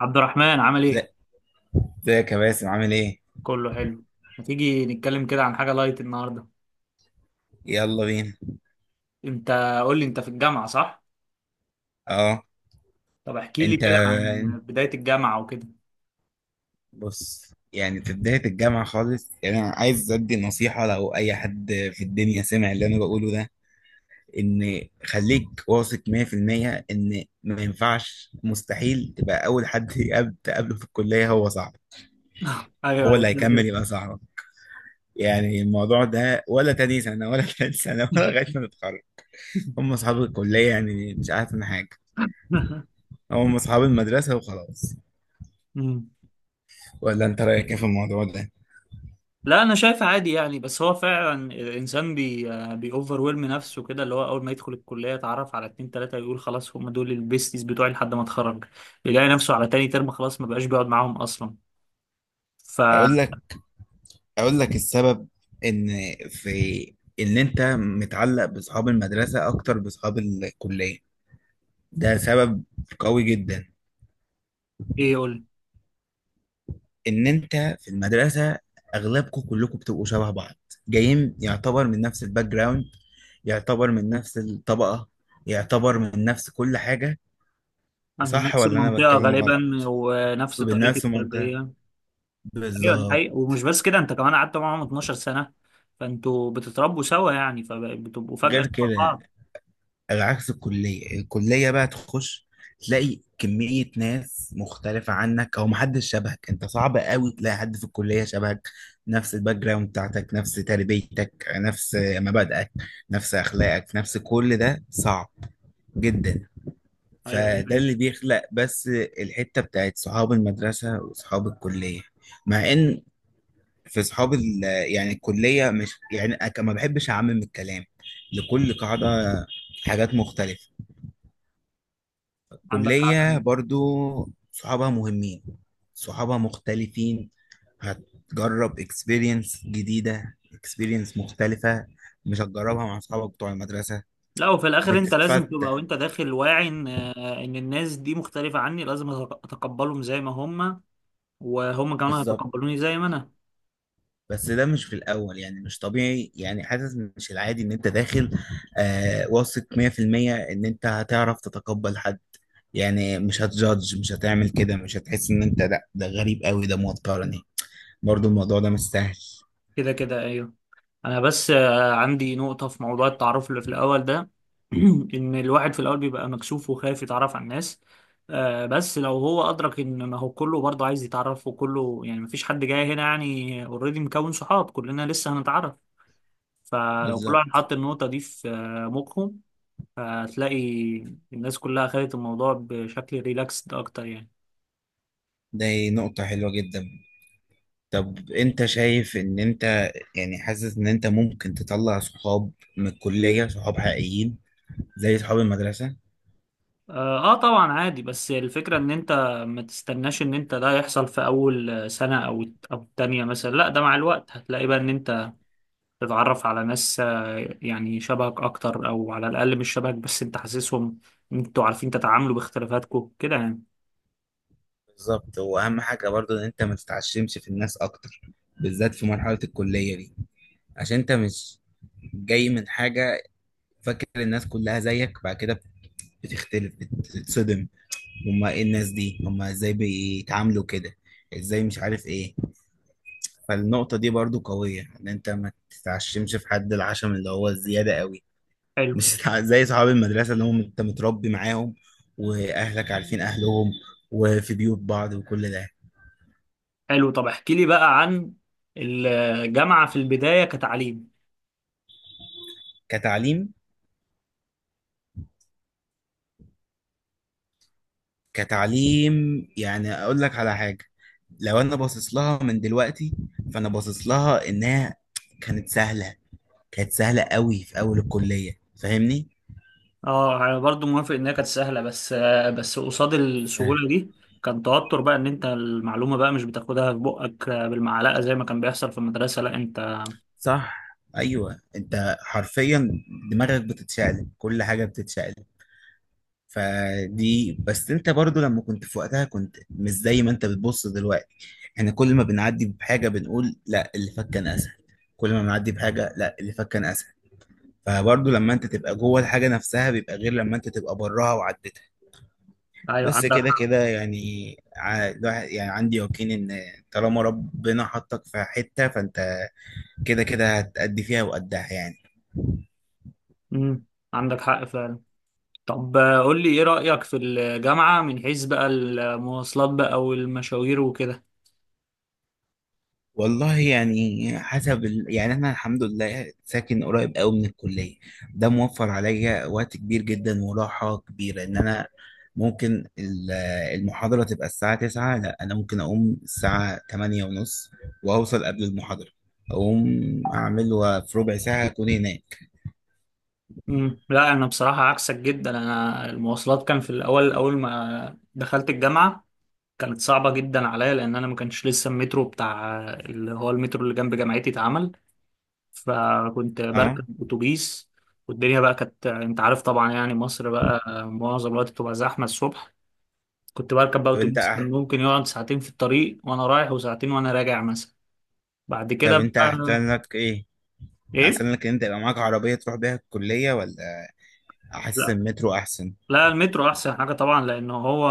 عبد الرحمن عامل زي- ايه؟ ازيك يا باسم، عامل ايه؟ كله حلو. ما تيجي نتكلم كده عن حاجة لايت النهاردة. يلا بينا. انت قول لي انت في الجامعة صح؟ اه. طب احكي لي انت كده عن بداية الجامعة وكده. بص، يعني في بداية الجامعة خالص، يعني انا عايز ادي نصيحة، لو اي حد في الدنيا سمع اللي انا بقوله ده، ان خليك واثق 100% ان ما ينفعش، مستحيل تبقى اول حد تقابله في الكلية هو صاحبك. ايوه هو ايوه، اللي كده كده. هيكمل يبقى صاحبك. يعني الموضوع ده ولا تاني سنة ولا تالت سنة ولا لغاية ما تتخرج. هم اصحاب الكلية، يعني مش عارف من حاجة. هم اصحاب المدرسة وخلاص. مم. ولا انت رايك ايه في الموضوع ده؟ لا انا شايف عادي يعني، بس هو فعلا الانسان بيوفر ويلم نفسه كده، اللي هو اول ما يدخل الكليه يتعرف على اتنين تلاته يقول خلاص هم دول البيستيز بتوعي لحد ما اتخرج. يلاقي نفسه على تاني ترم خلاص ما بقاش بيقعد معاهم اصلا، فايه. اقول لك اقول لك السبب. ان في ان انت متعلق باصحاب المدرسه اكتر باصحاب الكليه. ده سبب قوي جدا. يقول ان انت في المدرسه، اغلبكم كلكم بتبقوا شبه بعض، جايين يعتبر من نفس الباك جراوند، يعتبر من نفس الطبقه، يعتبر من نفس كل حاجه. أنا من وصح نفس ولا انا المنطقه بتكلم غلط؟ غالبا ونفس ومن طريقه نفس المنطقه. التربيه. ايوه دي بالظبط. حقيقة، ومش بس كده انت كمان قعدت معاهم 12 سنة، فانتوا بتتربوا سوا يعني فبتبقوا فجأة غير شبه كده، بعض. على عكس الكلية بقى تخش، تلاقي كمية ناس مختلفة عنك أو محدش شبهك. أنت صعب قوي تلاقي حد في الكلية شبهك، نفس الباك جراوند بتاعتك، نفس تربيتك، نفس مبادئك، نفس أخلاقك، نفس كل ده صعب جدا. ايوه دي فده حقيقة. اللي بيخلق بس الحتة بتاعت صحاب المدرسة وصحاب الكلية. مع إن في يعني الكلية مش يعني، ما بحبش أعمم الكلام لكل قاعدة، حاجات مختلفة. عندك حق. كلية برضو صحابها مهمين، صحابها مختلفين، هتجرب اكسبيرينس جديدة، اكسبيرينس مختلفة، مش هتجربها مع صحابك بتوع المدرسة. لا، وفي الاخر انت لازم تبقى بتتفتح. وانت داخل واعي ان الناس دي مختلفة عني، لازم اتقبلهم زي ما هم وهم كمان بالظبط. هيتقبلوني زي ما انا. بس ده مش في الأول، يعني مش طبيعي، يعني حاسس مش العادي إن أنت داخل واثق 100% إن أنت هتعرف تتقبل حد، يعني مش هتجادج، مش هتعمل كده، مش هتحس إن أنت لا ده غريب قوي ده موترني. برضو الموضوع ده مش سهل. كده كده ايوه. انا بس عندي نقطة في موضوع التعرف اللي في الاول ده. ان الواحد في الاول بيبقى مكسوف وخايف يتعرف على الناس. بس لو هو ادرك ان ما هو كله برضه عايز يتعرف، وكله يعني مفيش حد جاي هنا يعني اوريدي مكون صحاب، كلنا لسه هنتعرف. فلو كل واحد بالظبط. حط النقطة دي في مخه، هتلاقي الناس كلها خدت الموضوع بشكل ريلاكسد اكتر يعني. دي نقطة حلوة جدا. طب انت شايف ان انت، يعني حاسس ان انت ممكن تطلع صحاب من الكلية، صحاب حقيقيين زي صحاب المدرسة؟ اه طبعا عادي، بس الفكرة ان انت ما تستناش ان انت ده يحصل في اول سنة او التانية مثلا، لا ده مع الوقت هتلاقي بقى ان انت تتعرف على ناس يعني شبهك اكتر، او على الاقل مش شبهك بس انت حاسسهم إن انتوا عارفين تتعاملوا باختلافاتكم كده يعني. بالظبط. واهم حاجة برضو ان انت ما تتعشمش في الناس اكتر، بالذات في مرحلة الكلية دي، عشان انت مش جاي من حاجة فاكر الناس كلها زيك. بعد كده بتختلف بتتصدم، هما ايه الناس دي، هما ازاي بيتعاملوا كده، ازاي مش عارف ايه. فالنقطة دي برضو قوية، ان انت ما تتعشمش في حد، العشم اللي هو الزيادة قوي. حلو. مش تتع- زي صحاب المدرسة اللي هم انت متربي معاهم، واهلك عارفين اهلهم، وفي بيوت بعض، وكل ده. حلو، طب احكي لي بقى عن الجامعة في البداية كتعليم. كتعليم كتعليم، يعني اقول لك على حاجة، لو انا باصص لها من دلوقتي، فانا باصص لها انها كانت سهلة. كانت سهلة قوي في اول الكلية، فاهمني؟ اه انا برضو موافق انها كانت سهله، بس قصاد سهل. السهوله دي كان توتر بقى، ان انت المعلومه بقى مش بتاخدها في بقك بالمعلقه زي ما كان بيحصل في المدرسه، لا انت. صح. ايوه، انت حرفيا دماغك بتتشقلب، كل حاجة بتتشقلب. فدي بس انت برضو لما كنت في وقتها كنت مش زي ما انت بتبص دلوقتي. احنا كل ما بنعدي بحاجة بنقول لا اللي فات كان اسهل، كل ما بنعدي بحاجة لا اللي فات كان اسهل. فبرضو لما انت تبقى جوه الحاجة نفسها بيبقى غير لما انت تبقى براها وعدتها. ايوه بس عندك كده حق. كده، يعني يعني عندي يقين ان طالما ربنا حطك في حتة فانت كده كده هتأدي فيها وقدها يعني. امم. عندك حق فعلا. طب قول لي ايه رايك في الجامعه من حيث بقى المواصلات بقى والمشاوير وكده. والله يعني حسب يعني انا الحمد لله ساكن قريب قوي من الكليه. ده موفر عليا وقت كبير جدا وراحه كبيره، ان انا ممكن المحاضره تبقى الساعه 9، لا انا ممكن اقوم الساعه 8 ونص، واوصل قبل المحاضره. اقوم اعمل وفي ربع ساعه اكون هناك. امم. لا انا بصراحه عكسك جدا. انا المواصلات كان في الاول اول ما دخلت الجامعه كانت صعبة جدا عليا، لأن أنا ما كانش لسه المترو بتاع اللي هو المترو اللي جنب جامعتي اتعمل، فكنت اه. بركب اتوبيس. والدنيا بقى كانت انت عارف طبعا يعني مصر بقى معظم الوقت بتبقى زحمه الصبح. كنت بركب بقى طب انت اتوبيس كان ممكن يقعد ساعتين في الطريق وانا رايح وساعتين وانا راجع مثلا. بعد كده طب انت بقى. احسن لك ايه، ايه؟ احسن لك ان انت يبقى معاك عربيه تروح بيها الكليه ولا احسن لا. المترو؟ احسن. لا المترو احسن حاجه طبعا، لانه هو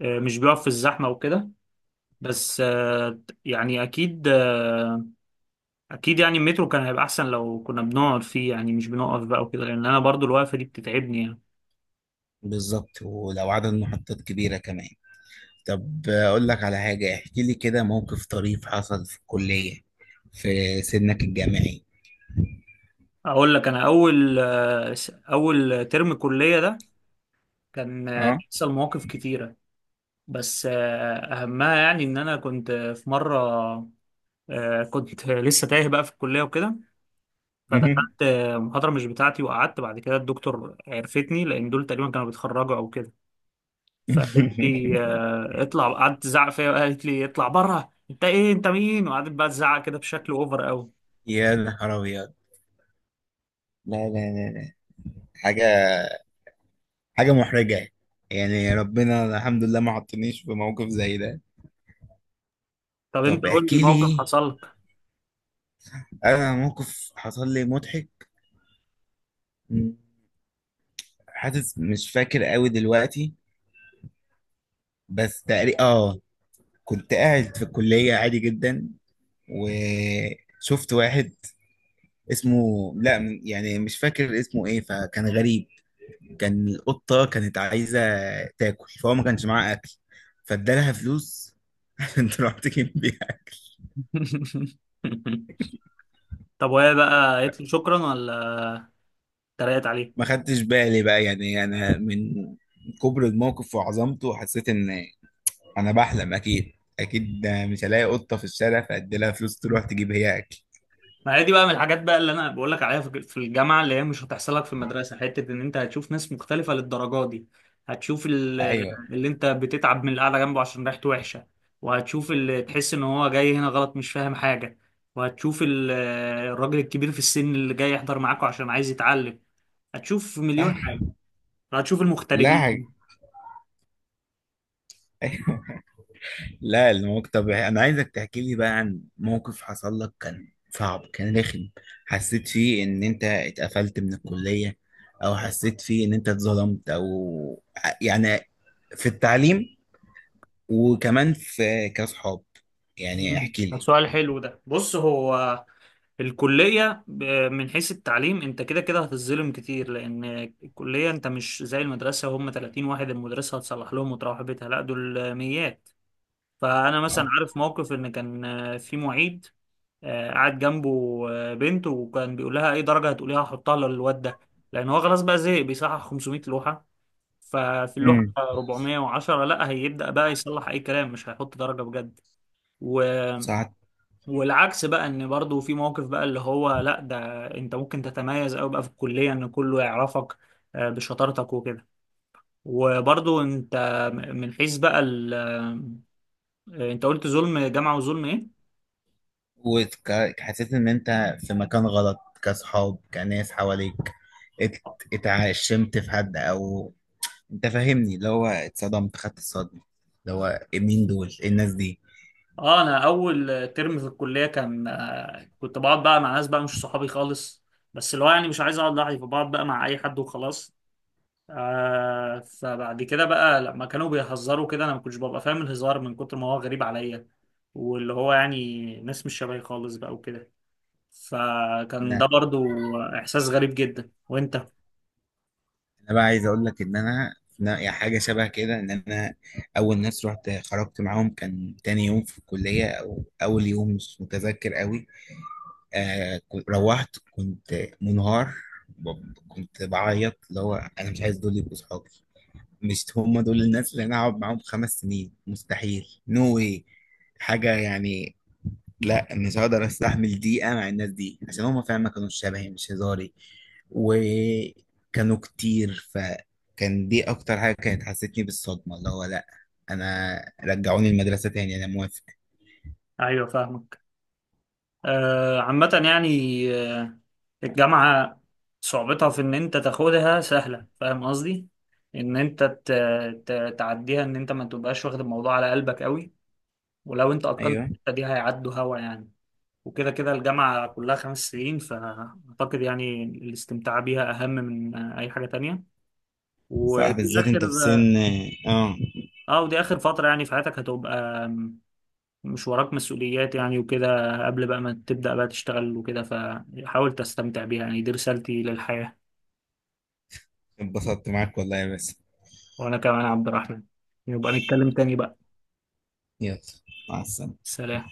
مش بيقف في الزحمه وكده. بس يعني اكيد اكيد يعني المترو كان هيبقى احسن لو كنا بنقعد فيه، يعني مش بنقف بقى وكده، لان انا برضو الوقفه دي بتتعبني يعني. بالظبط، ولو عدد محطات كبيره كمان. طب أقول لك على حاجة، احكي لي كده موقف طريف حصل في الكلية في سنك الجامعي. اقول لك انا اول اول ترم كليه ده كان اه. بيحصل مواقف كتيره، بس اهمها يعني ان انا كنت في مره كنت لسه تايه بقى في الكليه وكده، فدخلت محاضره مش بتاعتي وقعدت. بعد كده الدكتور عرفتني لان دول تقريبا كانوا بيتخرجوا او كده، فقالت لي اطلع، قعدت تزعق فيا وقالت لي اطلع بره انت ايه انت مين، وقعدت بقى تزعق كده بشكل اوفر قوي. يا نهار أبيض! لا لا لا لا. حاجة حاجة محرجة، يعني ربنا الحمد لله ما حطنيش في موقف زي ده. طب انت طب قول لي احكي موقف لي. حصل لك. أنا موقف حصل لي مضحك. مم. حاسس مش فاكر قوي دلوقتي. بس تقريبا كنت قاعد في الكلية عادي جدا، وشفت واحد اسمه، لا يعني مش فاكر اسمه ايه، فكان غريب. كان القطة كانت عايزة تاكل، فهو ما كانش معاه اكل، فادالها فلوس عشان تروح تجيب بيها. طب وهي بقى قالت له شكرا ولا اتريقت عليه؟ ما خدتش بالي بقى، يعني انا من كبر الموقف وعظمته حسيت ان انا بحلم، اكيد. اكيد ده، مش هلاقي قطة في الشارع فادي لها فلوس تروح تجيب هي اكل. ما هي دي بقى من الحاجات بقى اللي انا بقول لك عليها في الجامعه، اللي هي مش هتحصل لك في المدرسه، حته ان انت هتشوف ناس مختلفه للدرجه دي. هتشوف ايوه. اللي انت بتتعب من القعده جنبه عشان ريحته وحشه، وهتشوف اللي تحس ان هو جاي هنا غلط مش فاهم حاجه، وهتشوف الراجل الكبير في السن اللي جاي يحضر معاكوا عشان عايز يتعلم. هتشوف صح. مليون حاجه. هتشوف لا، حاجة. المغتربين. لا الموقف، طب انا عايزك تحكي لي بقى عن موقف حصل لك كان صعب كان رخم، حسيت فيه ان انت اتقفلت من الكلية، او حسيت فيه ان انت اتظلمت او يعني في التعليم، وكمان في كاصحاب، يعني مم. احكي ده لي. سؤال حلو. ده بص، هو الكلية من حيث التعليم انت كده كده هتتظلم كتير، لان الكلية انت مش زي المدرسة. هم 30 واحد المدرسة هتصلح لهم وتروح بيتها، لا دول ميات. فانا مثلا صح. عارف موقف ان كان في معيد قاعد جنبه بنت، وكان بيقول لها اي درجة هتقوليها لها هحطها للواد ده، لان هو خلاص بقى زهق بيصحح 500 لوحة، ففي اللوحة امم. 410 لا هيبدأ بقى يصلح اي كلام مش هيحط درجة بجد. صح. والعكس بقى ان برضو في موقف بقى اللي هو، لا ده انت ممكن تتميز قوي بقى في الكلية ان كله يعرفك بشطارتك وكده. وبرضو انت من حيث بقى انت قلت ظلم جامعة، وظلم ايه؟ وحسيت ان انت في مكان غلط كاصحاب كناس حواليك؟ ات- اتعشمت في حد، او انت فاهمني اللي هو اتصدمت، خدت الصدمه، اللي هو إيه، مين دول، ايه الناس دي. اه انا اول ترم في الكلية كان كنت بقعد بقى مع ناس بقى مش صحابي خالص، بس اللي هو يعني مش عايز اقعد لوحدي فبقعد بقى مع اي حد وخلاص. آه فبعد كده بقى لما كانوا بيهزروا كده انا ما كنتش ببقى فاهم الهزار من كتر ما هو غريب عليا، واللي هو يعني ناس مش شبهي خالص بقى وكده. فكان ده انا برضو احساس غريب جدا. وانت انا بقى عايز اقول لك ان انا، أنا يعني حاجه شبه كده ان انا اول ناس رحت خرجت معاهم كان تاني يوم في الكليه او اول يوم مش متذكر قوي. روحت كنت منهار، كنت بعيط اللي هو انا مش عايز دول يبقوا صحابي، مش هم دول الناس اللي انا هقعد معاهم 5 سنين، مستحيل، نو واي، حاجه يعني. لا مش هقدر استحمل دقيقة مع الناس دي عشان هما فعلا ما كانوش شبهي، مش هزاري، وكانوا كتير. فكان دي اكتر حاجة كانت حسيتني بالصدمة، اللي هو لا، انا رجعوني المدرسة تاني انا موافق. ايوه فاهمك. آه عامة يعني، آه الجامعة صعوبتها في ان انت تاخدها سهلة، فاهم قصدي، ان انت تعديها، ان انت ما تبقاش واخد الموضوع على قلبك قوي. ولو انت اتقنت ايوه. الحتة دي هيعدوا هوا يعني. وكده كده الجامعة كلها 5 سنين، فأعتقد يعني الاستمتاع بيها أهم من أي حاجة تانية. صح، ودي بالذات آخر انت في سن. اه. ودي آخر فترة يعني في حياتك، هتبقى مش وراك مسؤوليات يعني وكده قبل بقى ما تبدأ بقى تشتغل وكده، فحاول تستمتع بيها يعني، دي رسالتي للحياة. اتبسطت معاك والله يا باسم. وأنا كمان عبد الرحمن، يبقى نتكلم تاني بقى. يلا. مع السلامة. سلام.